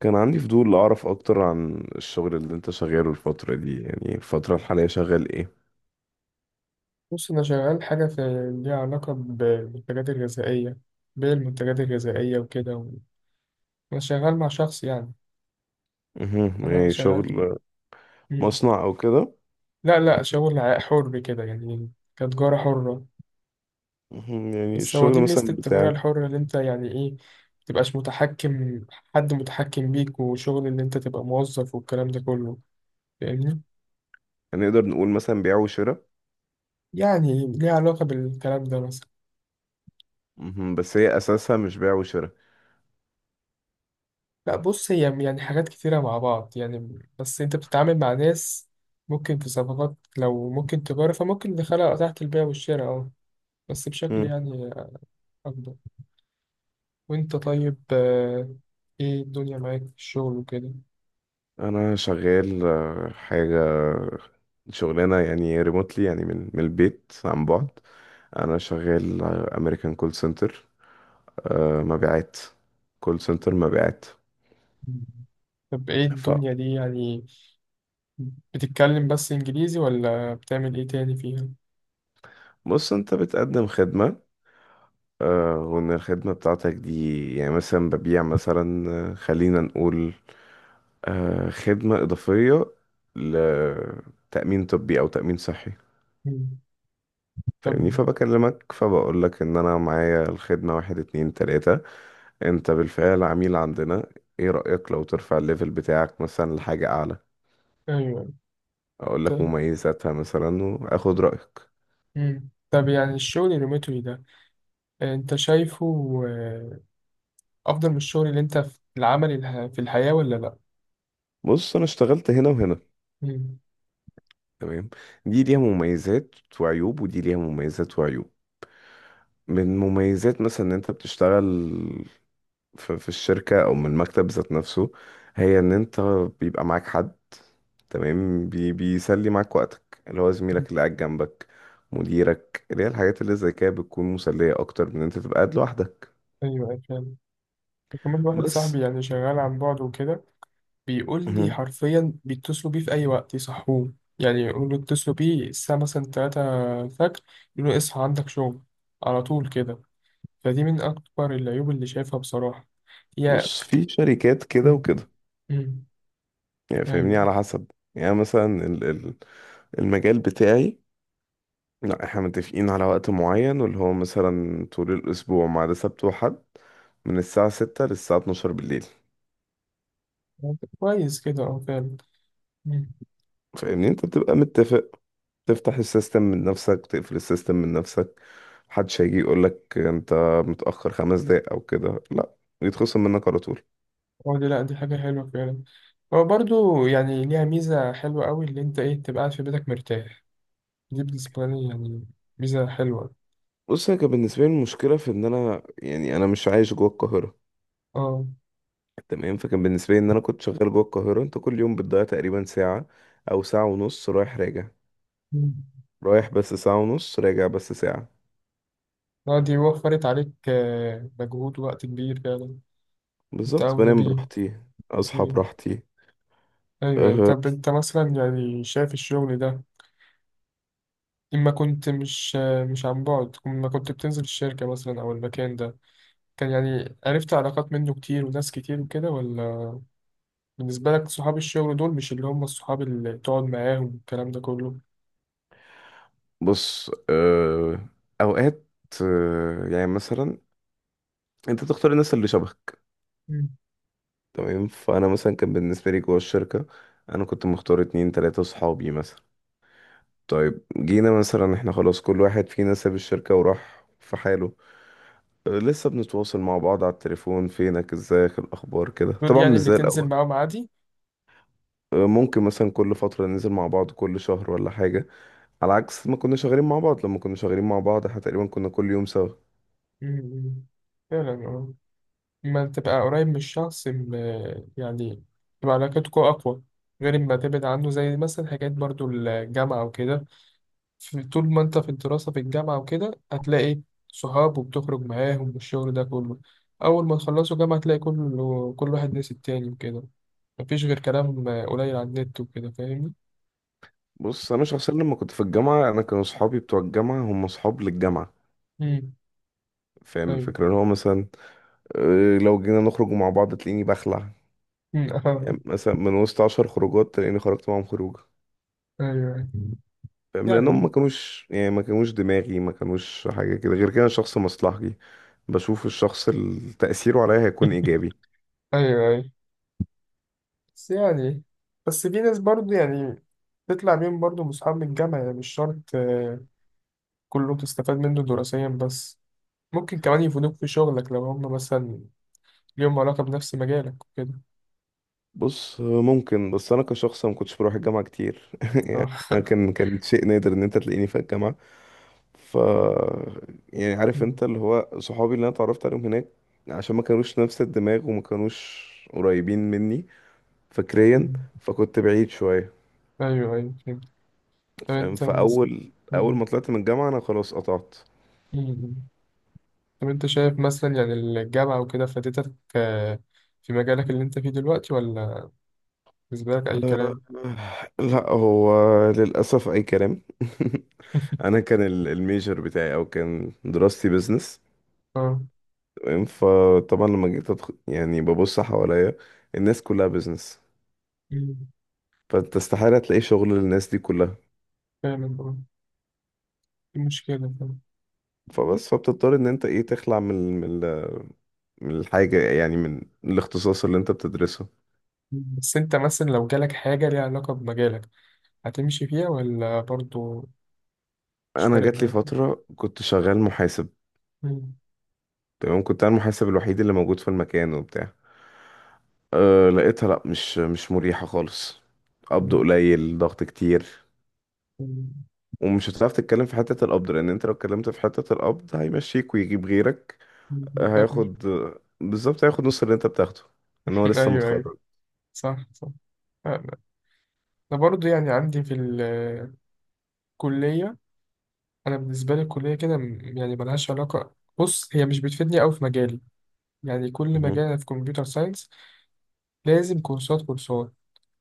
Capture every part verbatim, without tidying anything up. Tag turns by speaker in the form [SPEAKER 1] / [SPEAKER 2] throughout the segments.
[SPEAKER 1] كان عندي فضول أعرف أكتر عن الشغل اللي أنت شغاله الفترة دي، يعني الفترة الحالية شغال إيه؟
[SPEAKER 2] بص، أنا شغال حاجة في ليها علاقة ب- بالمنتجات الغذائية. بيع المنتجات الغذائية وكده و... أنا شغال مع شخص يعني.
[SPEAKER 1] مهم.
[SPEAKER 2] أنا
[SPEAKER 1] يعني
[SPEAKER 2] شغال في...
[SPEAKER 1] شغل
[SPEAKER 2] مم.
[SPEAKER 1] مصنع أو كده؟
[SPEAKER 2] لا لا شغل ع- حر كده، يعني كتجارة حرة.
[SPEAKER 1] مهم. يعني
[SPEAKER 2] بس هو دي
[SPEAKER 1] الشغل
[SPEAKER 2] ميزة
[SPEAKER 1] مثلا
[SPEAKER 2] التجارة
[SPEAKER 1] بتاعك
[SPEAKER 2] الحرة اللي أنت يعني إيه، متبقاش متحكم، حد متحكم بيك وشغل اللي أنت تبقى موظف والكلام ده كله، فاهمني؟
[SPEAKER 1] هنقدر نقول مثلا بيع وشراء؟
[SPEAKER 2] يعني ليها علاقة بالكلام ده مثلا.
[SPEAKER 1] مهم. بس هي أساسها مش بيع وشراء.
[SPEAKER 2] لا بص، هي يعني حاجات كتيرة مع بعض يعني، بس انت بتتعامل مع ناس. ممكن في صفقات، لو ممكن تجارة، فممكن دخلها تحت البيع والشراء، اه، بس بشكل
[SPEAKER 1] مم.
[SPEAKER 2] يعني أكبر. وانت طيب؟ آه، ايه الدنيا معاك في الشغل وكده؟
[SPEAKER 1] أنا شغال آه، حاجة شغلانة، يعني ريموتلي، يعني من من البيت عن بعد. أنا شغال أمريكان كول سنتر مبيعات، كول سنتر مبيعات.
[SPEAKER 2] طب ايه الدنيا دي يعني، بتتكلم بس انجليزي ولا بتعمل ايه تاني فيها؟
[SPEAKER 1] فبص، أنت بتقدم خدمة، آه، وان الخدمة بتاعتك دي يعني مثلا ببيع مثلا، آه، خلينا نقول آه، خدمة إضافية لتأمين طبي أو تأمين صحي.
[SPEAKER 2] مم. طب،
[SPEAKER 1] فاهمني؟ فبكلمك، فبقولك إن أنا معايا الخدمة واحد اتنين تلاتة، أنت بالفعل عميل عندنا، إيه رأيك لو ترفع الليفل بتاعك مثلا لحاجة أعلى؟
[SPEAKER 2] ايوه. ط-
[SPEAKER 1] أقولك مميزاتها مثلا وآخد رأيك.
[SPEAKER 2] مم. طب يعني الشغل الريموتلي ده، آه، انت شايفه آه، افضل من الشغل اللي انت في العمل اله- في الحياة ولا لا؟
[SPEAKER 1] بص، أنا اشتغلت هنا وهنا.
[SPEAKER 2] مم.
[SPEAKER 1] تمام. دي ليها مميزات وعيوب ودي ليها مميزات وعيوب. من مميزات مثلا ان انت بتشتغل في في الشركة او من المكتب ذات نفسه، هي ان انت بيبقى معاك حد، تمام، بي بيسلي معاك وقتك، اللي هو زميلك اللي قاعد جنبك، مديرك، اللي هي الحاجات اللي زي كده بتكون مسلية اكتر من ان انت تبقى قاعد لوحدك.
[SPEAKER 2] ايوه، أيوة فعلا. كمان واحد
[SPEAKER 1] بس
[SPEAKER 2] صاحبي يعني شغال عن بعد وكده، بيقول لي
[SPEAKER 1] مهم.
[SPEAKER 2] حرفيا بيتصلوا بيه في اي وقت يصحوه، يعني يقولوا له اتصلوا بيه الساعه مثلا تلاتة الفجر، يقولوا له اصحى عندك شغل، على طول كده. فدي من اكبر العيوب اللي شايفها بصراحه، يا.
[SPEAKER 1] بص في شركات كده
[SPEAKER 2] مم.
[SPEAKER 1] وكده،
[SPEAKER 2] مم.
[SPEAKER 1] يعني فاهمني،
[SPEAKER 2] ايوه،
[SPEAKER 1] على حسب. يعني مثلا ال- ال- المجال بتاعي، لا، احنا متفقين على وقت معين، واللي هو مثلا طول الأسبوع ما عدا سبت وحد، من الساعة ستة للساعة اتناشر بالليل.
[SPEAKER 2] كويس كده، اه فعلا.
[SPEAKER 1] فاهمني، انت بتبقى متفق، تفتح السيستم من نفسك، تقفل السيستم من نفسك، محدش هيجي يقولك انت متأخر خمس دقايق او كده، لا، يتخصم منك على طول.
[SPEAKER 2] اه، دي لا، دي حاجة حلوة فعلا. هو برضو يعني ليها ميزة حلوة أوي، اللي أنت إيه، تبقى قاعد في بيتك مرتاح. دي بالنسبة لي يعني ميزة حلوة.
[SPEAKER 1] بص، هي كان بالنسبة لي المشكلة في ان انا، يعني انا مش عايش جوه القاهرة.
[SPEAKER 2] اه.
[SPEAKER 1] تمام. فكان بالنسبة لي ان انا كنت شغال جوه القاهرة، انت كل يوم بتضيع تقريبا ساعة او ساعة ونص رايح راجع،
[SPEAKER 2] مم.
[SPEAKER 1] رايح بس ساعة ونص، راجع بس ساعة.
[SPEAKER 2] اه، دي وفرت عليك آه، مجهود ووقت كبير فعلا. أنت
[SPEAKER 1] بالظبط،
[SPEAKER 2] أولى
[SPEAKER 1] بنام
[SPEAKER 2] بيه.
[SPEAKER 1] براحتي، اصحى
[SPEAKER 2] مم.
[SPEAKER 1] براحتي.
[SPEAKER 2] أيوة،
[SPEAKER 1] أه.
[SPEAKER 2] طب أنت مثلا يعني شايف الشغل ده، إما كنت مش آه، مش عن بعد، إما كنت بتنزل الشركة مثلا أو المكان ده، كان يعني عرفت علاقات منه كتير وناس كتير وكده، ولا بالنسبة لك صحاب الشغل دول مش اللي هم الصحاب اللي تقعد معاهم والكلام ده كله؟
[SPEAKER 1] بص، أه اوقات، أه يعني مثلا انت تختار الناس اللي شبهك.
[SPEAKER 2] مم.
[SPEAKER 1] تمام. فانا مثلا كان بالنسبه لي جوه الشركه، انا كنت مختار اتنين تلاته صحابي مثلا. طيب جينا مثلا احنا خلاص، كل واحد فينا ساب الشركه وراح في حاله. أه لسه بنتواصل مع بعض على التليفون، فينك، ازيك، الاخبار كده،
[SPEAKER 2] دول
[SPEAKER 1] طبعا
[SPEAKER 2] يعني
[SPEAKER 1] مش
[SPEAKER 2] اللي
[SPEAKER 1] زي
[SPEAKER 2] تنزل
[SPEAKER 1] الاول.
[SPEAKER 2] معاهم عادي.
[SPEAKER 1] أه ممكن مثلا كل فتره ننزل مع بعض كل شهر ولا حاجه، على عكس ما كنا شغالين مع بعض. لما كنا شغالين مع بعض احنا تقريبا كنا كل يوم سوا.
[SPEAKER 2] مم. فعلا اه. لما تبقى قريب من الشخص م- يعني تبقى علاقتكم أقوى، غير ما تبعد عنه، زي مثلا حاجات برضو الجامعة وكده. في- طول ما انت في الدراسة في الجامعة وكده، هتلاقي صحاب وبتخرج معاهم والشغل ده كله. أول ما تخلصوا جامعة هتلاقي كله، كل واحد نسي التاني وكده، مفيش غير كلام قليل على النت وكده، فاهمني؟
[SPEAKER 1] بص، انا شخصيا لما كنت في الجامعه، انا كانوا اصحابي بتوع الجامعه هم اصحاب للجامعه. فاهم
[SPEAKER 2] ايوه.
[SPEAKER 1] الفكره؟ اللي هو مثلا آه، لو جينا نخرج مع بعض تلاقيني بخلع.
[SPEAKER 2] أمم، آه.
[SPEAKER 1] يعني مثلا من وسط عشر خروجات تلاقيني خرجت معاهم خروجه.
[SPEAKER 2] ايوه
[SPEAKER 1] فاهم؟ لانهم
[SPEAKER 2] يعني.
[SPEAKER 1] ما كانوش، يعني ما كانوش دماغي، ما كانوش حاجه كده. غير كده، أنا شخص مصلحجي، بشوف الشخص اللي تاثيره عليا هيكون ايجابي.
[SPEAKER 2] ايوه ايوه. بس يعني، بس في ناس برضه يعني، تطلع بيهم برضه من اصحاب من الجامعه يعني. مش شرط آه، كله تستفاد منه دراسيا بس، ممكن كمان يفيدوك في شغلك لو هم مثلا ليهم علاقه بنفس مجالك وكده.
[SPEAKER 1] بص آه، ممكن، بس انا كشخص ما كنتش بروح الجامعه كتير.
[SPEAKER 2] اه.
[SPEAKER 1] كان كان شيء نادر ان انت تلاقيني في الجامعه، ف يعني عارف
[SPEAKER 2] أمم،
[SPEAKER 1] انت اللي هو صحابي اللي انا اتعرفت عليهم هناك عشان ما كانوش نفس الدماغ، وما كانوش قريبين مني فكريا،
[SPEAKER 2] أمم.
[SPEAKER 1] فكنت بعيد شوية.
[SPEAKER 2] ايوه ايوه فهمت. طب
[SPEAKER 1] فاهم؟
[SPEAKER 2] انت مثلا.
[SPEAKER 1] فأول أول
[SPEAKER 2] أمم،
[SPEAKER 1] ما طلعت من الجامعة أنا خلاص قطعت.
[SPEAKER 2] أمم. طب انت شايف مثلا يعني الجامعه وكده فادتك آه، في مجالك اللي انت فيه دلوقتي، ولا بالنسبه لك اي كلام؟
[SPEAKER 1] لا، هو للأسف أي كلام. أنا كان ال- الميجر بتاعي، أو كان دراستي بيزنس.
[SPEAKER 2] اه
[SPEAKER 1] تمام. فطبعا لما جيت أدخل، يعني ببص حواليا الناس كلها بيزنس، فأنت استحالة تلاقي شغل للناس دي كلها.
[SPEAKER 2] فعلا اه، دي مشكلة فعلا.
[SPEAKER 1] فبس، فبتضطر ان انت ايه تخلع من ال- من ال- من الحاجة، يعني من الاختصاص اللي انت بتدرسه.
[SPEAKER 2] بس انت مثلا لو جالك حاجة ليها علاقة بمجالك، هتمشي فيها ولا برضو مش
[SPEAKER 1] انا
[SPEAKER 2] فارق
[SPEAKER 1] جات لي
[SPEAKER 2] معاك؟
[SPEAKER 1] فترة كنت شغال محاسب.
[SPEAKER 2] مم.
[SPEAKER 1] تمام. كنت انا المحاسب الوحيد اللي موجود في المكان وبتاع. أه لقيتها، لا، مش مش مريحة خالص، قبض
[SPEAKER 2] مم.
[SPEAKER 1] قليل ضغط كتير، ومش هتعرف تتكلم في حتة القبض، لان انت لو اتكلمت في حتة القبض هيمشيك ويجيب غيرك.
[SPEAKER 2] مم.
[SPEAKER 1] آه،
[SPEAKER 2] طب مش-
[SPEAKER 1] هياخد، آه، بالظبط هياخد نص اللي انت بتاخده، ان هو لسه
[SPEAKER 2] ايوه ايوه،
[SPEAKER 1] متخرج.
[SPEAKER 2] صح صح. انا، أنا برضو يعني عندي في الكلية. انا بالنسبة لي الكلية كده م- يعني ملهاش علاقة. بص هي مش بتفيدني أوي في مجالي. يعني كل
[SPEAKER 1] مهم.
[SPEAKER 2] مجال، أنا في كمبيوتر ساينس، لازم كورسات كورسات.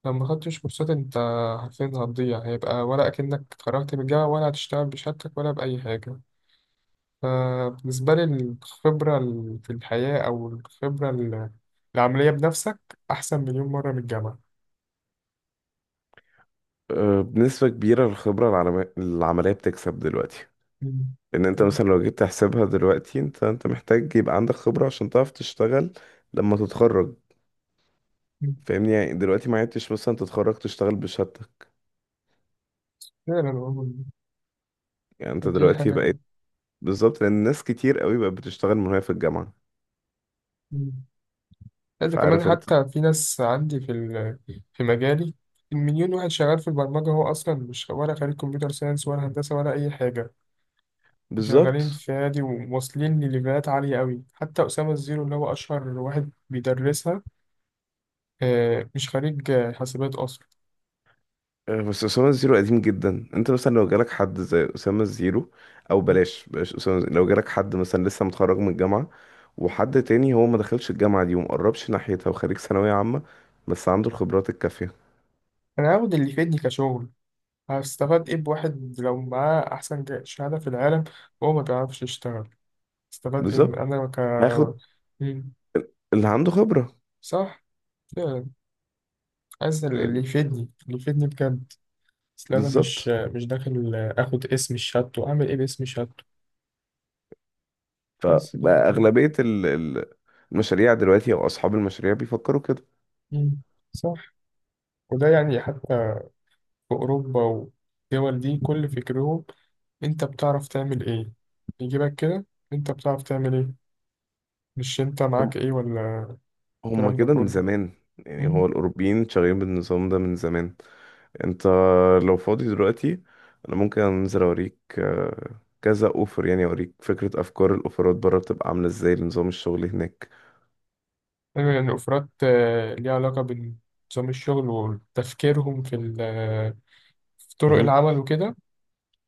[SPEAKER 2] لو ما خدتش كورسات انت، حرفيا هتضيع، هيبقى ولا اكنك اتخرجت من الجامعة، ولا هتشتغل بشهادتك ولا بأي حاجة. فبالنسبة لي الخبرة ال- في الحياة، أو الخبرة ال- العملية بنفسك، أحسن مليون مرة من الجامعة.
[SPEAKER 1] آه، بنسبة كبيرة الخبرة العلما- العملية بتكسب دلوقتي،
[SPEAKER 2] مم.
[SPEAKER 1] لان انت مثلا لو جيت تحسبها دلوقتي، انت انت محتاج يبقى عندك خبرة عشان تعرف تشتغل لما تتخرج.
[SPEAKER 2] مم.
[SPEAKER 1] فاهمني؟ يعني دلوقتي ما عدتش مثلا تتخرج تشتغل بشهادتك،
[SPEAKER 2] فعلا والله،
[SPEAKER 1] يعني انت
[SPEAKER 2] دي
[SPEAKER 1] دلوقتي
[SPEAKER 2] حاجة.
[SPEAKER 1] بقيت، بالظبط، لان ناس كتير قوي بقت بتشتغل من وهي في الجامعة.
[SPEAKER 2] مم. لا، ده كمان
[SPEAKER 1] فعارف انت؟
[SPEAKER 2] حتى في ناس عندي في ال- في مجالي، المليون واحد شغال في البرمجة هو أصلا مش ولا خريج كمبيوتر ساينس ولا هندسة ولا أي حاجة. شغالين
[SPEAKER 1] بالظبط.
[SPEAKER 2] في نادي وواصلين لليفلات عالية قوي، حتى أسامة الزيرو اللي هو أشهر واحد بيدرسها، آه، مش خريج آه، حاسبات أصلا.
[SPEAKER 1] آه، بس أسامة الزيرو قديم جدا. انت مثلا لو جالك حد زي أسامة الزيرو، او بلاش بلاش أسامة الزيرو، لو جالك حد مثلا لسه متخرج من الجامعة، وحد تاني هو ما دخلش الجامعة دي ومقربش ناحيتها، وخريج ثانوية عامة بس عنده الخبرات الكافية،
[SPEAKER 2] أنا هاخد اللي يفيدني كشغل. هستفاد إيه بواحد لو معاه أحسن جا- شهادة في العالم وهو ما بيعرفش يشتغل؟ استفاد إيه من-
[SPEAKER 1] بالظبط
[SPEAKER 2] أنا ك.
[SPEAKER 1] هاخد
[SPEAKER 2] مم.
[SPEAKER 1] اللي عنده خبرة.
[SPEAKER 2] صح. آه، عايز اللي
[SPEAKER 1] فاهم؟
[SPEAKER 2] يفيدني، اللي يفيدني بجد. أصل أنا مش
[SPEAKER 1] بالظبط.
[SPEAKER 2] آه، مش داخل آه، آخد اسم الشهادته. أعمل إيه باسم شهادته؟ بس كده.
[SPEAKER 1] فأغلبية ال- ال- المشاريع دلوقتي، أو أصحاب المشاريع بيفكروا كده،
[SPEAKER 2] مم. صح. وده يعني حتى في أوروبا والدول دي كل فكرهم أنت بتعرف تعمل إيه، يجيبك كده أنت بتعرف تعمل إيه، مش أنت
[SPEAKER 1] هم
[SPEAKER 2] معاك إيه ولا
[SPEAKER 1] هم
[SPEAKER 2] الكلام ده
[SPEAKER 1] كده من
[SPEAKER 2] كله.
[SPEAKER 1] زمان، يعني
[SPEAKER 2] مم.
[SPEAKER 1] هو الأوروبيين شغالين بالنظام ده من زمان. أنت لو فاضي دلوقتي، أنا ممكن أنزل أوريك آه، كذا أوفر، يعني أوريك فكرة أفكار الأوفرات بره بتبقى عاملة إزاي لنظام الشغل هناك.
[SPEAKER 2] أيوة يعني أوفرات آه، ليها علاقة بنظام الشغل وتفكيرهم في ال- آه، في طرق
[SPEAKER 1] مهم.
[SPEAKER 2] العمل وكده.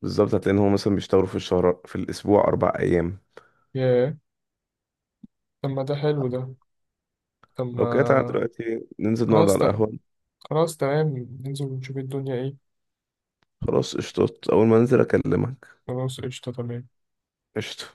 [SPEAKER 1] بالظبط هتلاقي إن هو مثلا بيشتغلوا في الشهر في الأسبوع أربع أيام.
[SPEAKER 2] ياه، طب ما ده حلو ده. طب
[SPEAKER 1] لو كده تعالى
[SPEAKER 2] ما
[SPEAKER 1] دلوقتي ننزل نقعد
[SPEAKER 2] خلاص
[SPEAKER 1] على
[SPEAKER 2] ده،
[SPEAKER 1] القهوة.
[SPEAKER 2] خلاص تمام. ننزل ونشوف الدنيا إيه.
[SPEAKER 1] خلاص قشطات، أول ما أنزل أكلمك.
[SPEAKER 2] خلاص قشطة تمام.
[SPEAKER 1] قشطة.